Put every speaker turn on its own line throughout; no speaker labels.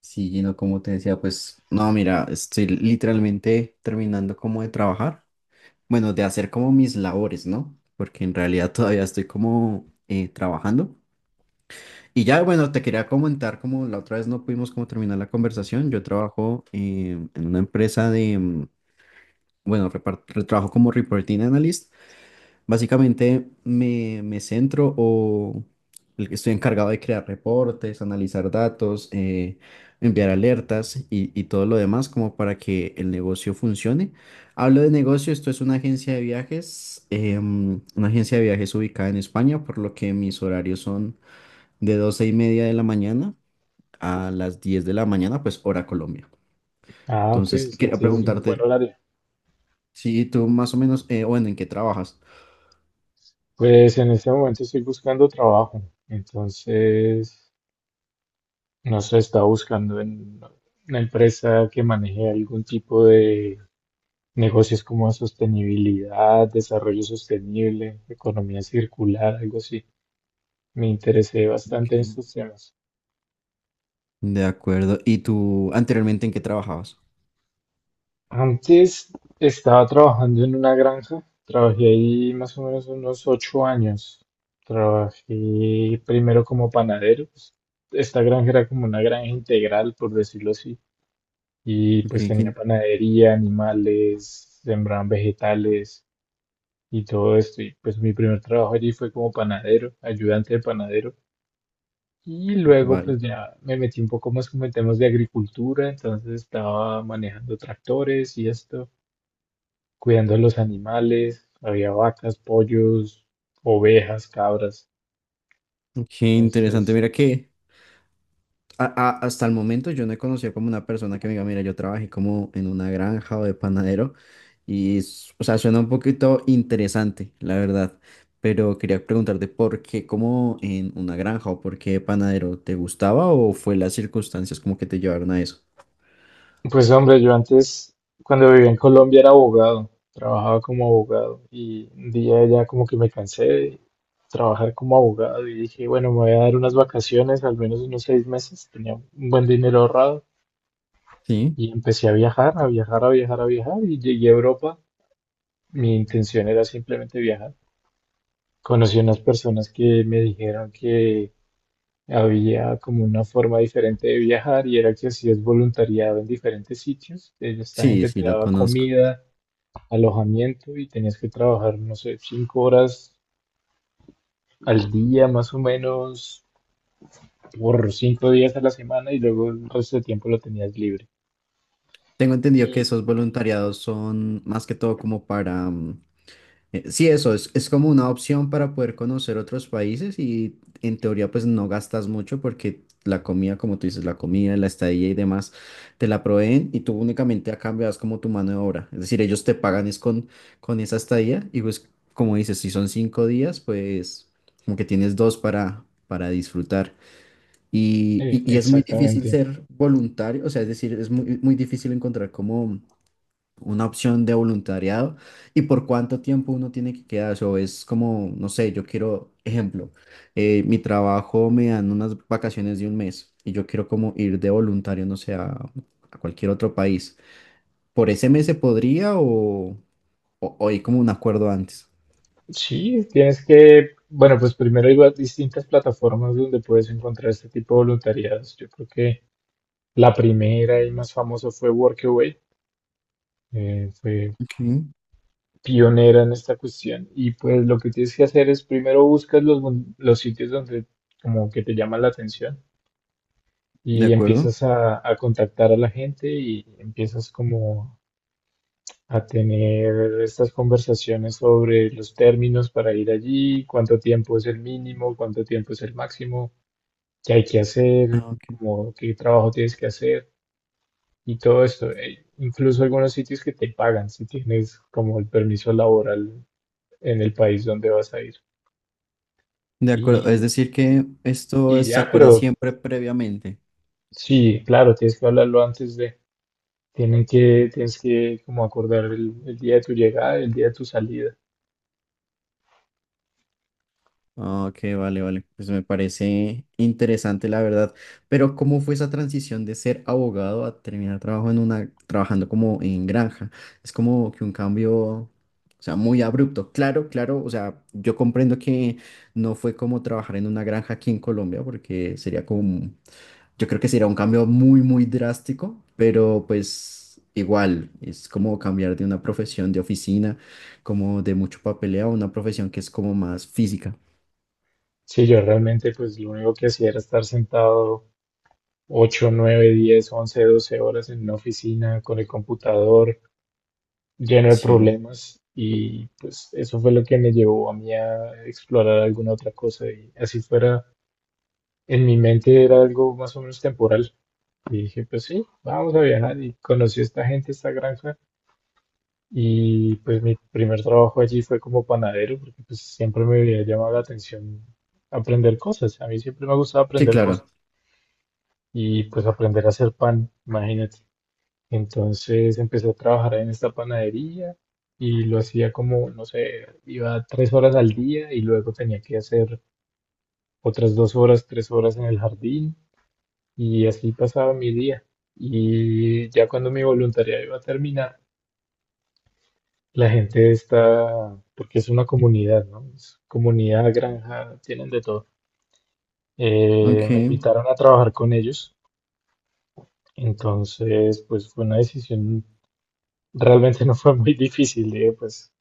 Sí, Gino, como te decía, pues no, mira, estoy literalmente terminando como de trabajar, bueno, de hacer como mis labores, ¿no? Porque en realidad todavía estoy como trabajando. Y ya, bueno, te quería comentar, como la otra vez no pudimos como terminar la conversación, yo trabajo en una empresa bueno, trabajo como reporting analyst. Básicamente me centro o el que estoy encargado de crear reportes, analizar datos, enviar alertas y todo lo demás como para que el negocio funcione. Hablo de negocio, esto es una agencia de viajes, una agencia de viajes ubicada en España, por lo que mis horarios son de 12:30 de la mañana a las 10:00 de la mañana, pues hora Colombia.
Ah, ok,
Entonces,
usted
quería, ok,
tiene un buen
preguntarte
horario.
si tú más o menos, bueno, ¿en qué trabajas?
Pues en este momento estoy buscando trabajo, entonces, no sé, está buscando en una empresa que maneje algún tipo de negocios como sostenibilidad, desarrollo sostenible, economía circular, algo así. Me interesé bastante en
Ok.
estos temas.
De acuerdo. ¿Y tú anteriormente en qué trabajabas?
Antes estaba trabajando en una granja, trabajé ahí más o menos unos 8 años. Trabajé primero como panadero, pues. Esta granja era como una granja integral, por decirlo así. Y pues
Qué,
tenía
qué-
panadería, animales, sembraban vegetales y todo esto. Y pues mi primer trabajo allí fue como panadero, ayudante de panadero. Y luego
vale.
pues ya me metí un poco más como en temas de agricultura, entonces estaba manejando tractores y esto, cuidando a los animales, había vacas, pollos, ovejas, cabras.
Qué interesante.
Entonces,
Mira que a- hasta el momento yo no he conocido como una persona que me diga, mira, yo trabajé como en una granja o de panadero y, o sea, suena un poquito interesante, la verdad. Pero quería preguntarte por qué como en una granja o por qué panadero te gustaba o fue las circunstancias como que te llevaron a eso.
pues hombre, yo antes, cuando vivía en Colombia, era abogado, trabajaba como abogado y un día ya como que me cansé de trabajar como abogado y dije, bueno, me voy a dar unas vacaciones, al menos unos 6 meses, tenía un buen dinero ahorrado
Sí,
y empecé a viajar, a viajar, a viajar, a viajar y llegué a Europa. Mi intención era simplemente viajar. Conocí unas personas que me dijeron que había como una forma diferente de viajar y era que hacías voluntariado en diferentes sitios. Esta
sí,
gente te
sí, lo
daba
conozco.
comida, alojamiento y tenías que trabajar, no sé, 5 horas al día más o menos por 5 días a la semana y luego el resto del tiempo lo tenías libre.
Tengo entendido que
Y
esos voluntariados son más que todo como para, sí, eso es como una opción para poder conocer otros países y en teoría pues no gastas mucho porque la comida, como tú dices, la comida, la estadía y demás te la proveen y tú únicamente a cambio das como tu mano de obra. Es decir, ellos te pagan es con esa estadía y pues como dices, si son 5 días pues como que tienes dos para disfrutar. Y, y- y- es muy difícil
exactamente.
ser voluntario, o sea, es decir, es muy, muy difícil encontrar como una opción de voluntariado y por cuánto tiempo uno tiene que quedarse. O es como, no sé, yo quiero, ejemplo, mi trabajo me dan unas vacaciones de un mes y yo quiero como ir de voluntario, no sé, a cualquier otro país. ¿Por ese mes se podría o hay como un acuerdo antes?
Sí, tienes que, bueno, pues primero hay distintas plataformas donde puedes encontrar este tipo de voluntariados. Yo creo que la primera y más famosa fue Workaway. Fue
Ok,
pionera en esta cuestión. Y pues lo que tienes que hacer es primero buscas los sitios donde como que te llaman la atención
de
y
acuerdo.
empiezas a contactar a la gente y empiezas como a tener estas conversaciones sobre los términos para ir allí, cuánto tiempo es el mínimo, cuánto tiempo es el máximo, qué hay que hacer,
Ah, ok.
como qué trabajo tienes que hacer y todo esto. Incluso algunos sitios que te pagan si tienes como el permiso laboral en el país donde vas a ir.
De acuerdo, es
Y,
decir que esto
y
se
ya,
acuerda
pero
siempre previamente.
sí, claro, tienes que hablarlo antes de. Tienes que como acordar el día de tu llegada y el día de tu salida.
Ah, ok, vale, vale. Pues me parece interesante, la verdad. Pero ¿cómo fue esa transición de ser abogado a terminar trabajo en una, trabajando como en granja? Es como que un cambio, o sea, muy abrupto. Claro, claro. O sea, yo comprendo que no fue como trabajar en una granja aquí en Colombia, porque sería como, yo creo que sería un cambio muy, muy drástico, pero pues igual, es como cambiar de una profesión de oficina, como de mucho papeleo, a una profesión que es como más física.
Sí, yo realmente pues lo único que hacía era estar sentado 8, 9, 10, 11, 12 horas en una oficina con el computador lleno de
Sí,
problemas y pues eso fue lo que me llevó a mí a explorar alguna otra cosa y así fuera, en mi mente era algo más o menos temporal. Y dije, pues sí, vamos a viajar y conocí a esta gente, esta granja. Y pues mi primer trabajo allí fue como panadero, porque pues siempre me había llamado la atención aprender cosas. A mí siempre me gustaba
sí,
aprender
claro.
cosas y pues aprender a hacer pan, imagínate. Entonces empecé a trabajar en esta panadería y lo hacía como, no sé, iba 3 horas al día y luego tenía que hacer otras 2 horas, 3 horas en el jardín y así pasaba mi día. Y ya cuando mi voluntariado iba a terminar, la gente está, porque es una comunidad, ¿no? Es comunidad, granja, tienen de todo.
Ok,
Me invitaron a trabajar con ellos, entonces pues fue una decisión, realmente no fue muy difícil, digo, pues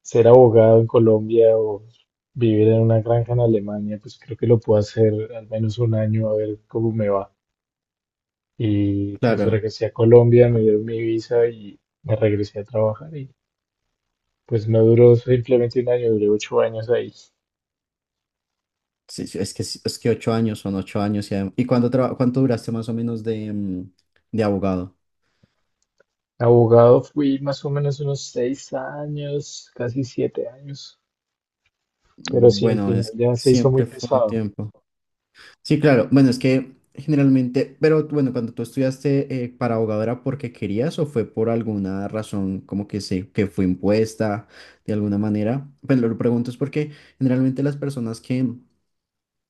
ser abogado en Colombia o vivir en una granja en Alemania, pues creo que lo puedo hacer al menos un año a ver cómo me va. Y pues
claro.
regresé a Colombia, me dieron mi visa y me regresé a trabajar y pues no duró simplemente un año, duré 8 años ahí.
Sí, sí, es que 8 años son 8 años. ¿Y cuánto duraste más o menos de abogado?
Abogado fui más o menos unos 6 años, casi 7 años, pero sí, al
Bueno,
final
es
ya se hizo muy
siempre fue un
pesado.
tiempo. Sí, claro. Bueno, es que generalmente, pero bueno, cuando tú estudiaste para abogado era porque querías o fue por alguna razón como que se, que fue impuesta de alguna manera. Pero lo pregunto es porque generalmente las personas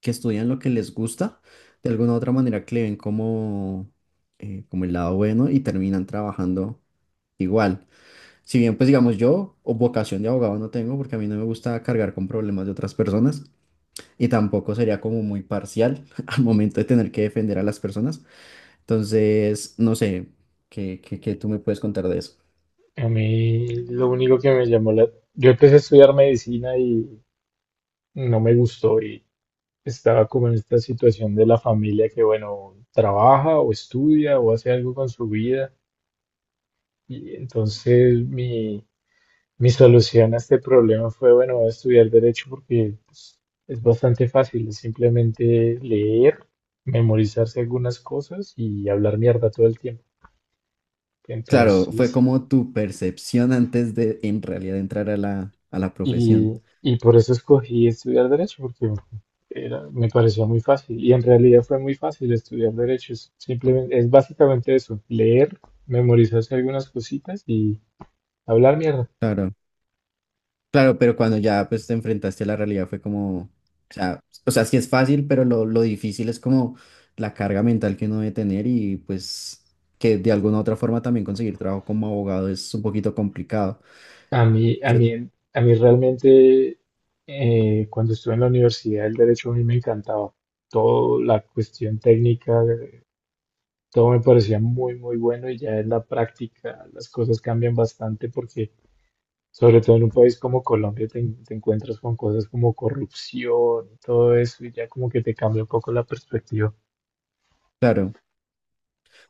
que estudian lo que les gusta, de alguna u otra manera que le ven como, como el lado bueno y terminan trabajando igual. Si bien, pues digamos, yo o vocación de abogado no tengo porque a mí no me gusta cargar con problemas de otras personas y tampoco sería como muy parcial al momento de tener que defender a las personas. Entonces, no sé, ¿qué tú me puedes contar de eso?
A mí lo único que me llamó la... Yo empecé a estudiar medicina y no me gustó y estaba como en esta situación de la familia que, bueno, trabaja o estudia o hace algo con su vida. Y entonces mi solución a este problema fue, bueno, voy a estudiar derecho porque pues, es bastante fácil, es simplemente leer, memorizarse algunas cosas y hablar mierda todo el tiempo.
Claro, fue
Entonces,
como tu percepción antes de en realidad entrar a la
y,
profesión.
y por eso escogí estudiar derecho, porque era, me parecía muy fácil. Y en realidad fue muy fácil estudiar derecho, es simplemente, es básicamente eso, leer, memorizarse algunas cositas y hablar mierda.
Claro. Claro, pero cuando ya pues te enfrentaste a la realidad fue como, sea, o sea, sí es fácil, pero lo difícil es como la carga mental que uno debe tener y pues que de alguna u otra forma también conseguir trabajo como abogado es un poquito complicado.
A mí, a mí, a mí realmente, cuando estuve en la universidad, el derecho a mí me encantaba. Toda la cuestión técnica, todo me parecía muy, muy bueno y ya en la práctica las cosas cambian bastante porque, sobre todo en un país como Colombia, te encuentras con cosas como corrupción y todo eso y ya como que te cambia un poco la perspectiva.
Claro.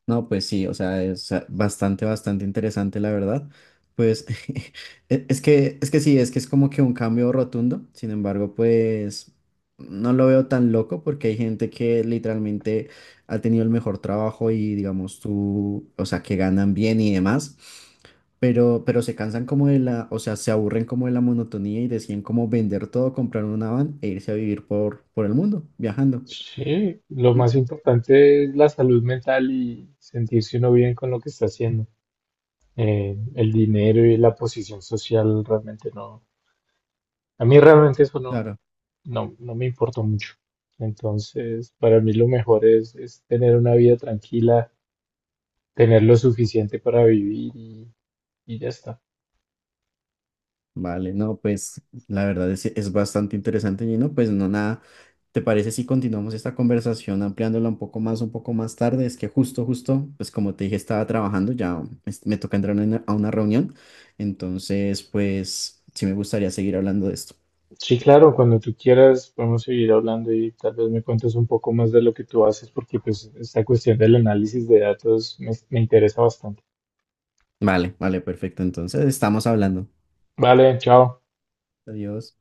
No, pues sí, o sea, es bastante, bastante interesante, la verdad. Pues es que sí, es que es como que un cambio rotundo. Sin embargo, pues no lo veo tan loco porque hay gente que literalmente ha tenido el mejor trabajo y digamos tú, o sea, que ganan bien y demás, pero se cansan como de la, o sea, se aburren como de la monotonía y deciden como vender todo, comprar una van e irse a vivir por el mundo, viajando.
Sí, lo
Y,
más importante es la salud mental y sentirse uno bien con lo que está haciendo. El dinero y la posición social realmente no, a mí realmente eso no,
claro.
no, no me importa mucho. Entonces, para mí lo mejor es, tener una vida tranquila, tener lo suficiente para vivir y ya está.
Vale, no, pues la verdad es bastante interesante, Gino. Pues no, nada, ¿te parece si continuamos esta conversación ampliándola un poco más tarde? Es que justo, justo, pues como te dije, estaba trabajando, ya me toca entrar a una reunión, entonces, pues sí me gustaría seguir hablando de esto.
Sí, claro, cuando tú quieras podemos seguir hablando y tal vez me cuentes un poco más de lo que tú haces porque pues esta cuestión del análisis de datos me interesa bastante.
Vale, vale, perfecto. Entonces, estamos hablando.
Vale, chao.
Adiós.